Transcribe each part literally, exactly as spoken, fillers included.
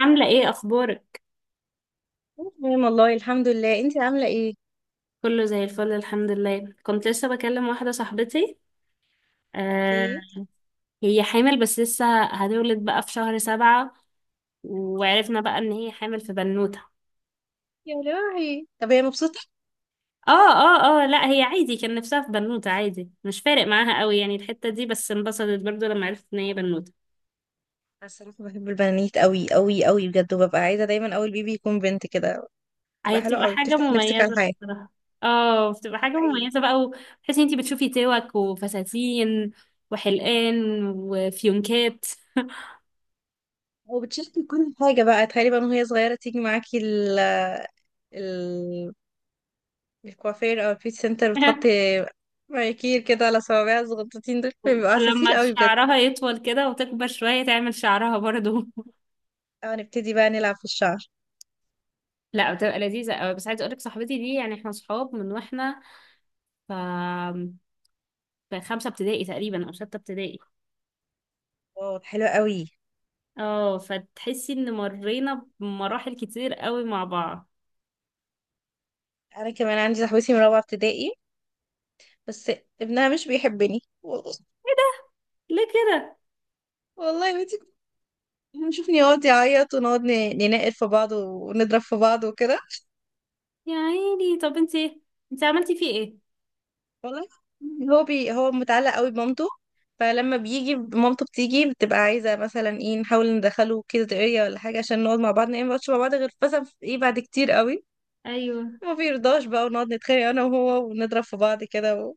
عاملة ايه اخبارك؟ تمام والله الحمد لله. انت عامله ايه؟ كله زي الفل الحمد لله. كنت لسه بكلم واحدة صاحبتي. آه. اوكي. هي حامل، بس لسه هتولد بقى في شهر سبعة. وعرفنا بقى ان هي حامل في بنوتة. يا روحي، طب هي مبسوطه؟ اه، اه، اه، لا، هي عادي، كان نفسها في بنوتة، عادي، مش فارق معاها قوي يعني الحتة دي، بس انبسطت برضو لما عرفت ان هي بنوتة. أنا الصراحه بحب البنانيت قوي قوي قوي بجد، وببقى عايزه دايما اول بيبي يكون بنت كده. هي بتبقى حلوه بتبقى قوي، حاجة بتفتح نفسك على مميزة الحياه. بصراحة. اه، بتبقى ده حاجة حقيقي. مميزة بقى، وتحسي انتي بتشوفي توك وفساتين وحلقان وفيونكات. وبتشاركي كل حاجه بقى، تخيلي بقى من وهي صغيره تيجي معاكي ال ال الكوافير او البيت سنتر، بتحطي مانيكير كده على صوابعها الصغنطوطين. دول بيبقوا عساسين ولما قوي بجد. شعرها يطول كده وتكبر شوية تعمل شعرها برضو. اه، نبتدي بقى نلعب في الشعر. لا، بتبقى لذيذة قوي. بس عايزة اقولك صاحبتي دي، يعني احنا صحاب من واحنا، ف في خمسة ابتدائي تقريبا او ستة ابتدائي. واو، حلو قوي. اه، فتحسي ان مرينا بمراحل كتير قوي مع بعض. انا كمان عندي صاحبتي من رابعه ابتدائي، بس ابنها مش بيحبني والله. ليه كده؟ والله يا بنتي، كنت بنشوفني يقعد يعيط، ونقعد ن- ننقر في بعض ونضرب في بعض وكده. يا عيني. طب انت انت عملتي فيه ايه؟ والله هو بي هو متعلق قوي بمامته. فلما بيجي مامته بتيجي، بتبقى عايزة مثلا ايه، نحاول ندخله كده دقيقة ولا حاجة عشان نقعد مع بعض. نقعد، ما نقعدش مع بعض غير مثلا في- ايه بعد كتير قوي. ايوه. ما بيرضاش بقى، ونقعد نتخانق انا وهو ونضرب في بعض كده و-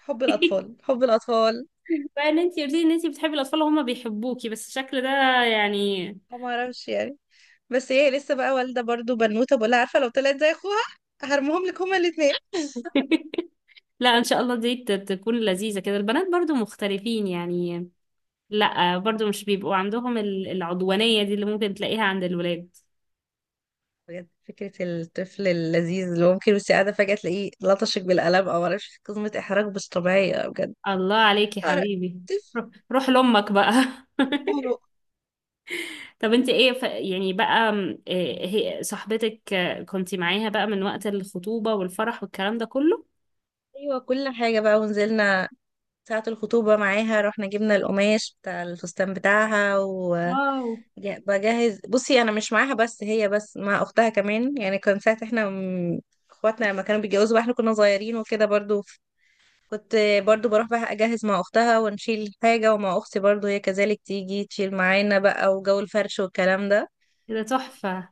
حب الأطفال حب الأطفال. بقى ان انت قلتي ان انت بتحبي الاطفال وهما بيحبوكي، بس الشكل ده، يعني. ما اعرفش يعني. بس هي لسه بقى والدة برضو بنوتة، بقولها عارفة لو طلعت زي اخوها هرمهم لك هما الاتنين. لا، ان شاء الله دي ت- تكون لذيذة كده. البنات برضو مختلفين يعني. لا برضو مش بيبقوا عندهم ال- العدوانية دي اللي ممكن تلاقيها عند الولاد. بجد فكرة الطفل اللذيذ اللي ممكن وانت قاعدة فجأة تلاقيه لطشك بالقلم او معرفش، قسمة احراج مش طبيعية بجد. الله عليك يا عرق، حبيبي. طفل. روح، روح لأمك بقى. بابا. طب انت ايه، ف... يعني بقى، م، إيه. هي صاحبتك، آه، كنتي معاها بقى من وقت الخطوبة والفرح والكلام ده كله؟ ايوه، كل حاجة بقى. ونزلنا ساعة الخطوبة معاها، رحنا جبنا القماش بتاع الفستان بتاعها. واو. وبجهز، بصي أنا مش معاها بس، هي بس مع أختها كمان. يعني كان ساعة احنا م- اخواتنا لما كانوا بيتجوزوا بقى، احنا كنا صغيرين وكده. برضو كنت برضو بروح بقى اجهز مع اختها ونشيل حاجة، ومع اختي برضو هي كذلك تيجي تشيل معانا بقى، وجو الفرش والكلام ده. ده تحفة.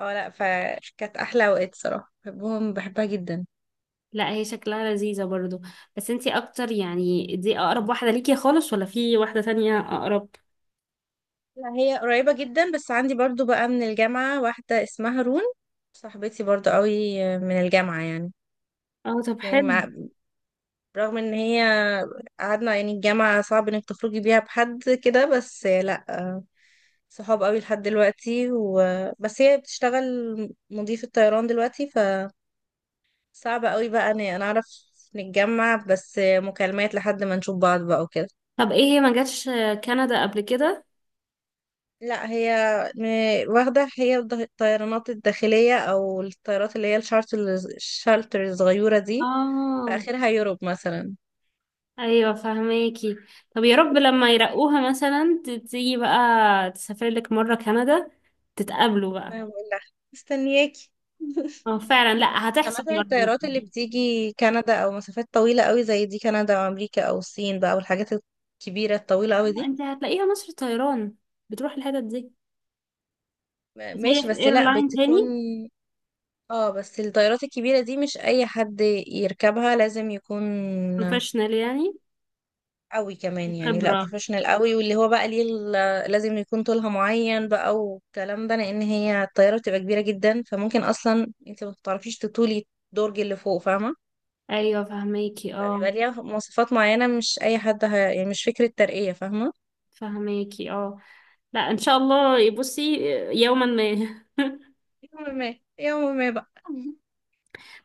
اه لا، فكانت احلى اوقات صراحة، بحبهم، بحبها جدا. لا، هي شكلها لذيذة برضو. بس انت اكتر، يعني دي اقرب واحدة ليكي خالص ولا في واحدة تانية اقرب؟ لا هي قريبة جدا، بس عندي برضو بقى من الجامعة واحدة اسمها رون. صاحبتي برضو قوي من الجامعة يعني. اه، طب يعني حلو. مع- رغم ان هي قعدنا، يعني الجامعة صعب انك تخرجي بيها بحد كده، بس لا، صحاب قوي لحد دلوقتي و... بس هي بتشتغل مضيفة طيران دلوقتي، فصعب قوي بقى ان انا اعرف نتجمع، بس مكالمات لحد ما نشوف بعض بقى وكده. طب ايه، هي ما جاتش آه، كندا قبل كده؟ لا هي م- واخدة هي الض- الطيرانات الداخلية، او الطيارات اللي هي الشارتر الشارتر الصغيرة دي، اه، فاخرها يوروب مثلا. ايوه فهماكي. طب يا رب لما يرقوها مثلا ت- تيجي بقى، تسافر لك مره كندا، تتقابلوا بقى. ما بقول لها مستنياكي. اه فعلا، لا هتحصل سمعت عن مره ما الطيارات اللي تقلقيش. بتيجي كندا او مسافات طويلة قوي زي دي، كندا او امريكا او الصين بقى والحاجات الكبيرة الطويلة قوي آه، دي. انت هتلاقيها مصر طيران بتروح الحتت دي. م- بس هي ماشي، في بس لا ايرلاين تاني. بتكون. اه بس الطيارات الكبيرة دي مش اي حد يركبها، لازم يكون بروفيشنال يعني قوي كمان. يعني لا وخبره. بروفيشنال قوي، واللي هو بقى ليه ال- لازم يكون طولها معين بقى والكلام ده، لان هي الطيارة بتبقى كبيرة جدا، فممكن اصلا انت ما بتعرفيش تطولي الدرج اللي فوق، فاهمة؟ ايوه فهماكي. اه فبيبقى ليها مواصفات معينة، مش اي حد ه... يعني مش فكرة ترقية، فاهمة؟ فهماكي. اه، لا ان شاء الله. بصي، يوما ما. يوم ما، يوم ما بقى.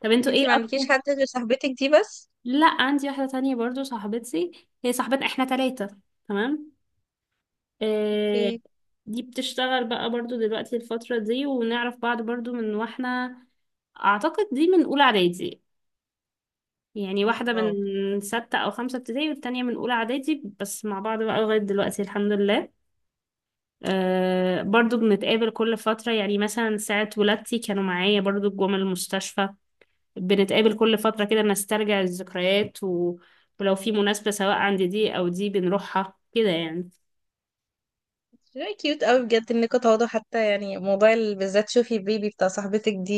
طب انتوا ايه انتي ما عندكيش اكتر؟ حد غير صاحبتك دي بس؟ لا، عندي واحده تانية برضو صاحبتي. هي صاحبتنا، احنا ثلاثه. تمام. آه، اوكي. دي بتشتغل بقى برضو دلوقتي الفترة دي. ونعرف بعض برضو من واحنا، أعتقد دي من أولى إعدادي. يعني واحدة واو، من ستة أو خمسة ابتدائي والتانية من أولى إعدادي، بس مع بعض بقى لغاية دلوقتي الحمد لله. أه، برضو بنتقابل كل فترة، يعني مثلا ساعة ولادتي كانوا معايا برضو، جم المستشفى. بنتقابل كل فترة كده نسترجع الذكريات و... ولو في مناسبة سواء عند دي أو دي بنروحها كده يعني. very cute قوي بجد انكوا تقعدوا. حتى يعني موضوع ال- بالذات شوفي البيبي بتاع صاحبتك دي،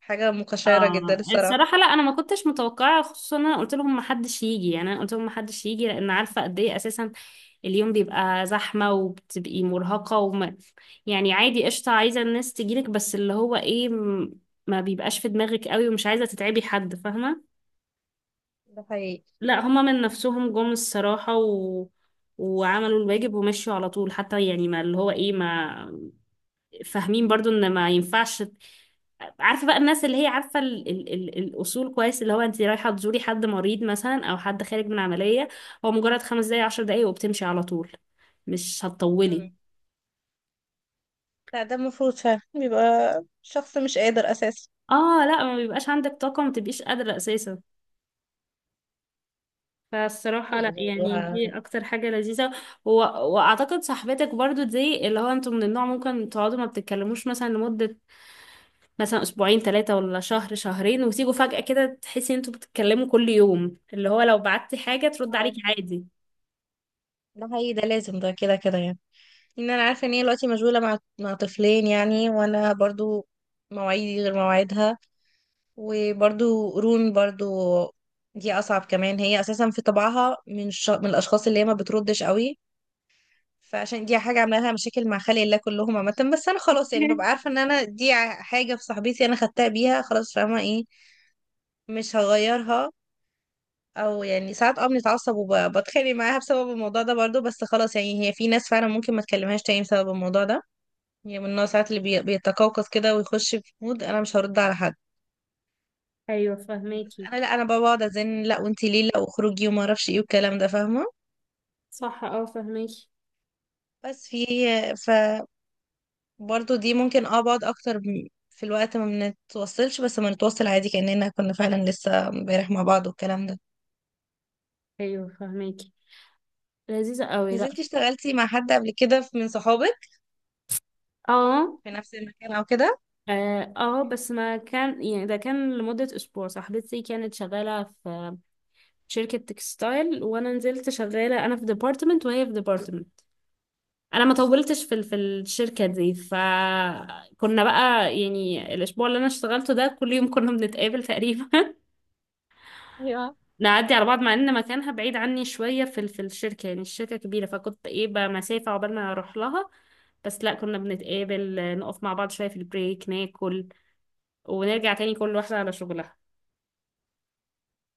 حاجة مقشرة جدا اه الصراحة. الصراحة، لا، انا ما كنتش متوقعة. خصوصا انا قلت لهم ما حدش يجي، يعني انا قلت لهم ما حدش يجي لان عارفة قد ايه اساسا اليوم بيبقى زحمة وبتبقي مرهقة، وما يعني عادي قشطة عايزة الناس تجيلك، بس اللي هو ايه، م- ما بيبقاش في دماغك قوي ومش عايزة تتعبي حد، فاهمة. ده حقيقي. لا، هما من نفسهم جم الصراحة و... وعملوا الواجب ومشوا على طول. حتى يعني ما اللي هو ايه، ما فاهمين برضو ان ما ينفعش. عارفه بقى الناس اللي هي عارفه ال ال ال الاصول كويس، اللي هو انت رايحه تزوري حد مريض مثلا او حد خارج من عمليه، هو مجرد خمس دقايق عشر دقايق وبتمشي على طول، مش مم. هتطولي. لا ده المفروض فعلا بيبقى شخص مش قادر اساسا. اه لا، ما بيبقاش عندك طاقه، ما تبقيش قادره اساسا. لا، فالصراحه، لا يعني الموضوع. دي اكتر حاجه لذيذه. و... واعتقد صاحبتك برضو دي، اللي هو انتوا من النوع ممكن تقعدوا ما بتتكلموش مثلا لمده، مثلا اسبوعين ثلاثة ولا شهر شهرين، وتيجوا فجأة كده تحسي ان انتوا بتتكلموا كل يوم، اللي هو لو بعتي حاجة ترد اه، عليكي عادي. ده حقيقي، ده لازم، ده كده كده يعني. ان انا عارفة ان هي دلوقتي مشغولة مع مع طفلين يعني، وانا برضو مواعيدي غير مواعيدها. وبرضو رون برضو دي اصعب كمان. هي اساسا في طبعها من الش... من الاشخاص اللي هي ما بتردش قوي. فعشان دي حاجه عامله لها مشاكل مع خلق الله كلهم عامه، بس انا خلاص يعني ببقى عارفه ان انا دي ع- حاجه في صاحبتي انا خدتها بيها خلاص، فاهمه ايه؟ مش هغيرها. او يعني ساعات اه بنتعصب وبتخانق معاها بسبب الموضوع ده برضو، بس خلاص. يعني هي في ناس فعلا ممكن ما تكلمهاش تاني بسبب الموضوع ده. هي من النوع ساعات اللي بي... بيتقوقص كده ويخش في مود انا مش هرد على حد. ايوه فهماكي. انا لا، انا بقعد ازن لا وانتي ليه، لا واخرجي وما اعرفش ايه والكلام ده، فاهمه؟ صح اه فهماكي. بس في. ف برضه دي ممكن اه بقعد اكتر م- في الوقت ما بنتوصلش، بس ما نتوصل عادي كاننا كنا فعلا لسه امبارح مع بعض والكلام ده. ايوه فهماكي. لذيذة قوي. لا نزلتي اشتغلتي مع حد قبل كده في- من صحابك اه. في نفس المكان او كده؟ اه، آه، بس ما كان، يعني ده كان لمدة أسبوع. صاحبتي كانت شغالة في شركة تكستايل، وأنا نزلت شغالة أنا في ديبارتمنت وهي في ديبارتمنت. انا ما طولتش في ال- في الشركه دي. فكنا بقى يعني الاسبوع اللي انا اشتغلته ده كل يوم كنا بنتقابل تقريبا. نعدي على بعض مع ان مكانها بعيد عني شويه في ال- في الشركه. يعني الشركه كبيره، فكنت ايه بقى مسافه عقبال ما اروح لها. بس لا، كنا بنتقابل نقف مع بعض شويه في البريك ناكل، ونرجع تاني كل واحده على شغلها.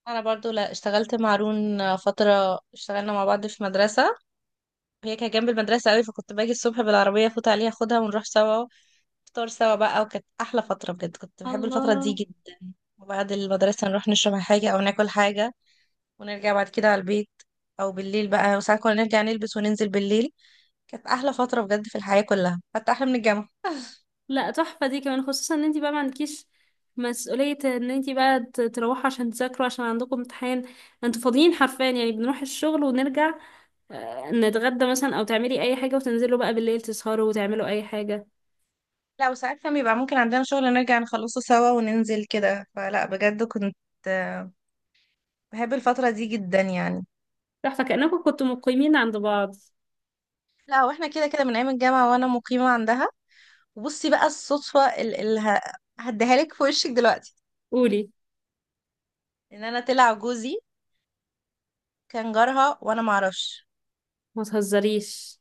انا برضو لا، اشتغلت مع رون فتره، اشتغلنا مع بعض في مدرسه. هي كانت جنب المدرسه قوي، فكنت باجي الصبح بالعربيه افوت عليها اخدها ونروح سوا. فطار سوا بقى. وكانت احلى فتره بجد، كنت بحب الفتره دي الله. جدا. وبعد المدرسه نروح نشرب حاجه او ناكل حاجه، ونرجع بعد كده على البيت. او بالليل بقى، وساعات كنا نرجع نلبس وننزل بالليل. كانت احلى فتره بجد في الحياه كلها، حتى احلى من الجامعه. لا، تحفة دي كمان. خصوصا ان انتي بقى ما عندكيش مسؤولية ان انتي بقى ت- تروحوا عشان تذاكروا، عشان عندكم امتحان. انتوا فاضيين حرفيا، يعني بنروح الشغل ونرجع، آه، نتغدى مثلا او تعملي اي حاجة، وتنزلوا بقى بالليل تسهروا وتعملوا اي حاجة. لا وساعات كان بيبقى ممكن عندنا شغل، نرجع نخلصه سوا وننزل كده. فلا بجد كنت، آه، بحب الفتره دي جدا يعني. تحفة، كأنكم كنتوا مقيمين عند بعض. لا واحنا كده كده من ايام الجامعه وانا مقيمه عندها. وبصي بقى الصدفه اللي هديها لك في وشك دلوقتي. قولي. ان انا طلع جوزي كان جارها وانا معرفش. ما تهزريش.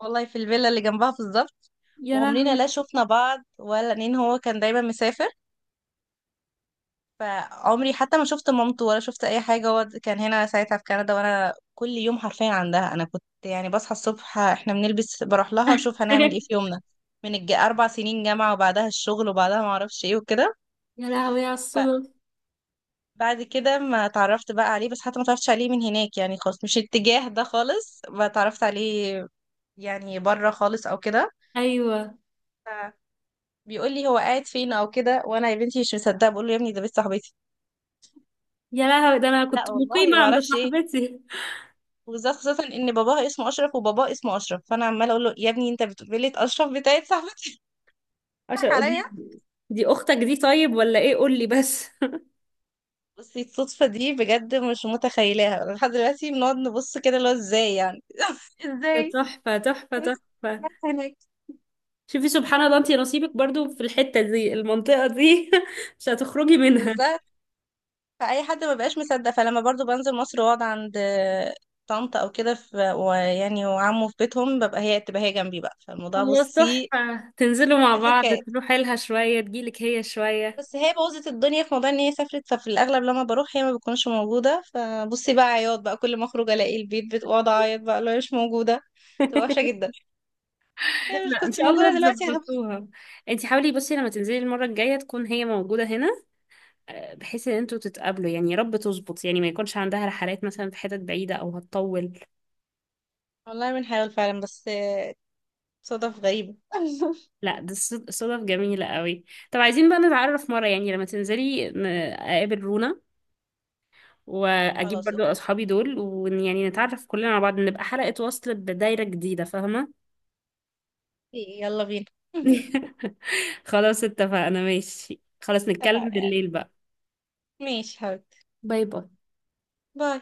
والله في الفيلا اللي جنبها بالظبط. يا وعمرنا لهوي. لا شفنا بعض ولا، لان هو كان دايما مسافر. فعمري حتى ما شفت مامته ولا شفت اي حاجه، هو كان هنا ساعتها في كندا، وانا كل يوم حرفيا عندها. انا كنت يعني بصحى الصبح، احنا بنلبس، بروح لها اشوف هنعمل ايه في يومنا. من الج... اربع سنين جامعه وبعدها الشغل، وبعدها ما اعرفش ايه وكده. يا لهوي على الصدف. فبعد كده ما اتعرفت بقى عليه، بس حتى ما اتعرفتش عليه من هناك يعني خالص، مش الاتجاه ده خالص ما اتعرفت عليه، يعني بره خالص او كده. ايوه. بيقول لي هو قاعد فين او كده، وانا يا بنتي مش مصدقه، بقول له يا ابني ده بنت صاحبتي. يا لهوي، ده انا كنت لا والله مقيمة ما عند اعرفش ايه. صاحبتي. وبالذات خاصه ان باباها اسمه اشرف، وباباه اسمه اشرف، فانا عماله اقول له يا ابني انت بتقول لي اشرف بتاعت صاحبتي؟ عشان بتضحك عليا. دي، دي اختك دي طيب ولا ايه؟ قولي بس. بصي الصدفه دي بجد مش متخيلاها لحد دلوقتي، بنقعد نبص كده اللي هو ازاي يعني. ده ازاي؟ تحفة تحفة تحفة. هناك شوفي سبحان الله، انتي نصيبك برضو في الحتة دي، المنطقة دي. مش هتخرجي منها. بالظبط. فاي حد ما بقاش مصدق. فلما برضو بنزل مصر واقعد عند طنط او كده في، ويعني وعمه في بيتهم، ببقى هي تبقى هي جنبي بقى. فالموضوع خلاص، بصي تحفة. تنزلوا مع بعض، حكايه. تروحي لها شوية، تجيلك هي شوية. بس هي بوظت الدنيا في موضوع ان هي سافرت، ففي الاغلب لما بروح هي ما بتكونش موجوده. فبصي بقى عياط بقى كل ما اخرج الاقي البيت، بتقعد اعيط بقى لو مش موجوده، تبقى وحشه جدا. هي مش لا ان كنت شاء موجوده الله دلوقتي يا غبي. تظبطوها. انتي حاولي بصي لما تنزلي المرة الجاية تكون هي موجودة هنا، آه، بحيث ان انتوا تتقابلوا يعني. يا رب تظبط يعني، ما يكونش عندها رحلات مثلا في حتت بعيدة او هتطول. والله بنحاول فعلا، بس صدف غريبه. لا، ده صد- صدف جميلة قوي. طب عايزين بقى نتعرف مرة، يعني لما تنزلي ن- اقابل رونا واجيب خلاص برضو اوكي. اصحابي دول، ويعني نتعرف كلنا على بعض، نبقى حلقة وصل بدايرة جديدة، فاهمة؟ يلا بينا. خلاص اتفقنا، ماشي. خلاص نتكلم اتفقنا يعني. بالليل بقى. ماشي حبيبتي. باي باي. باي.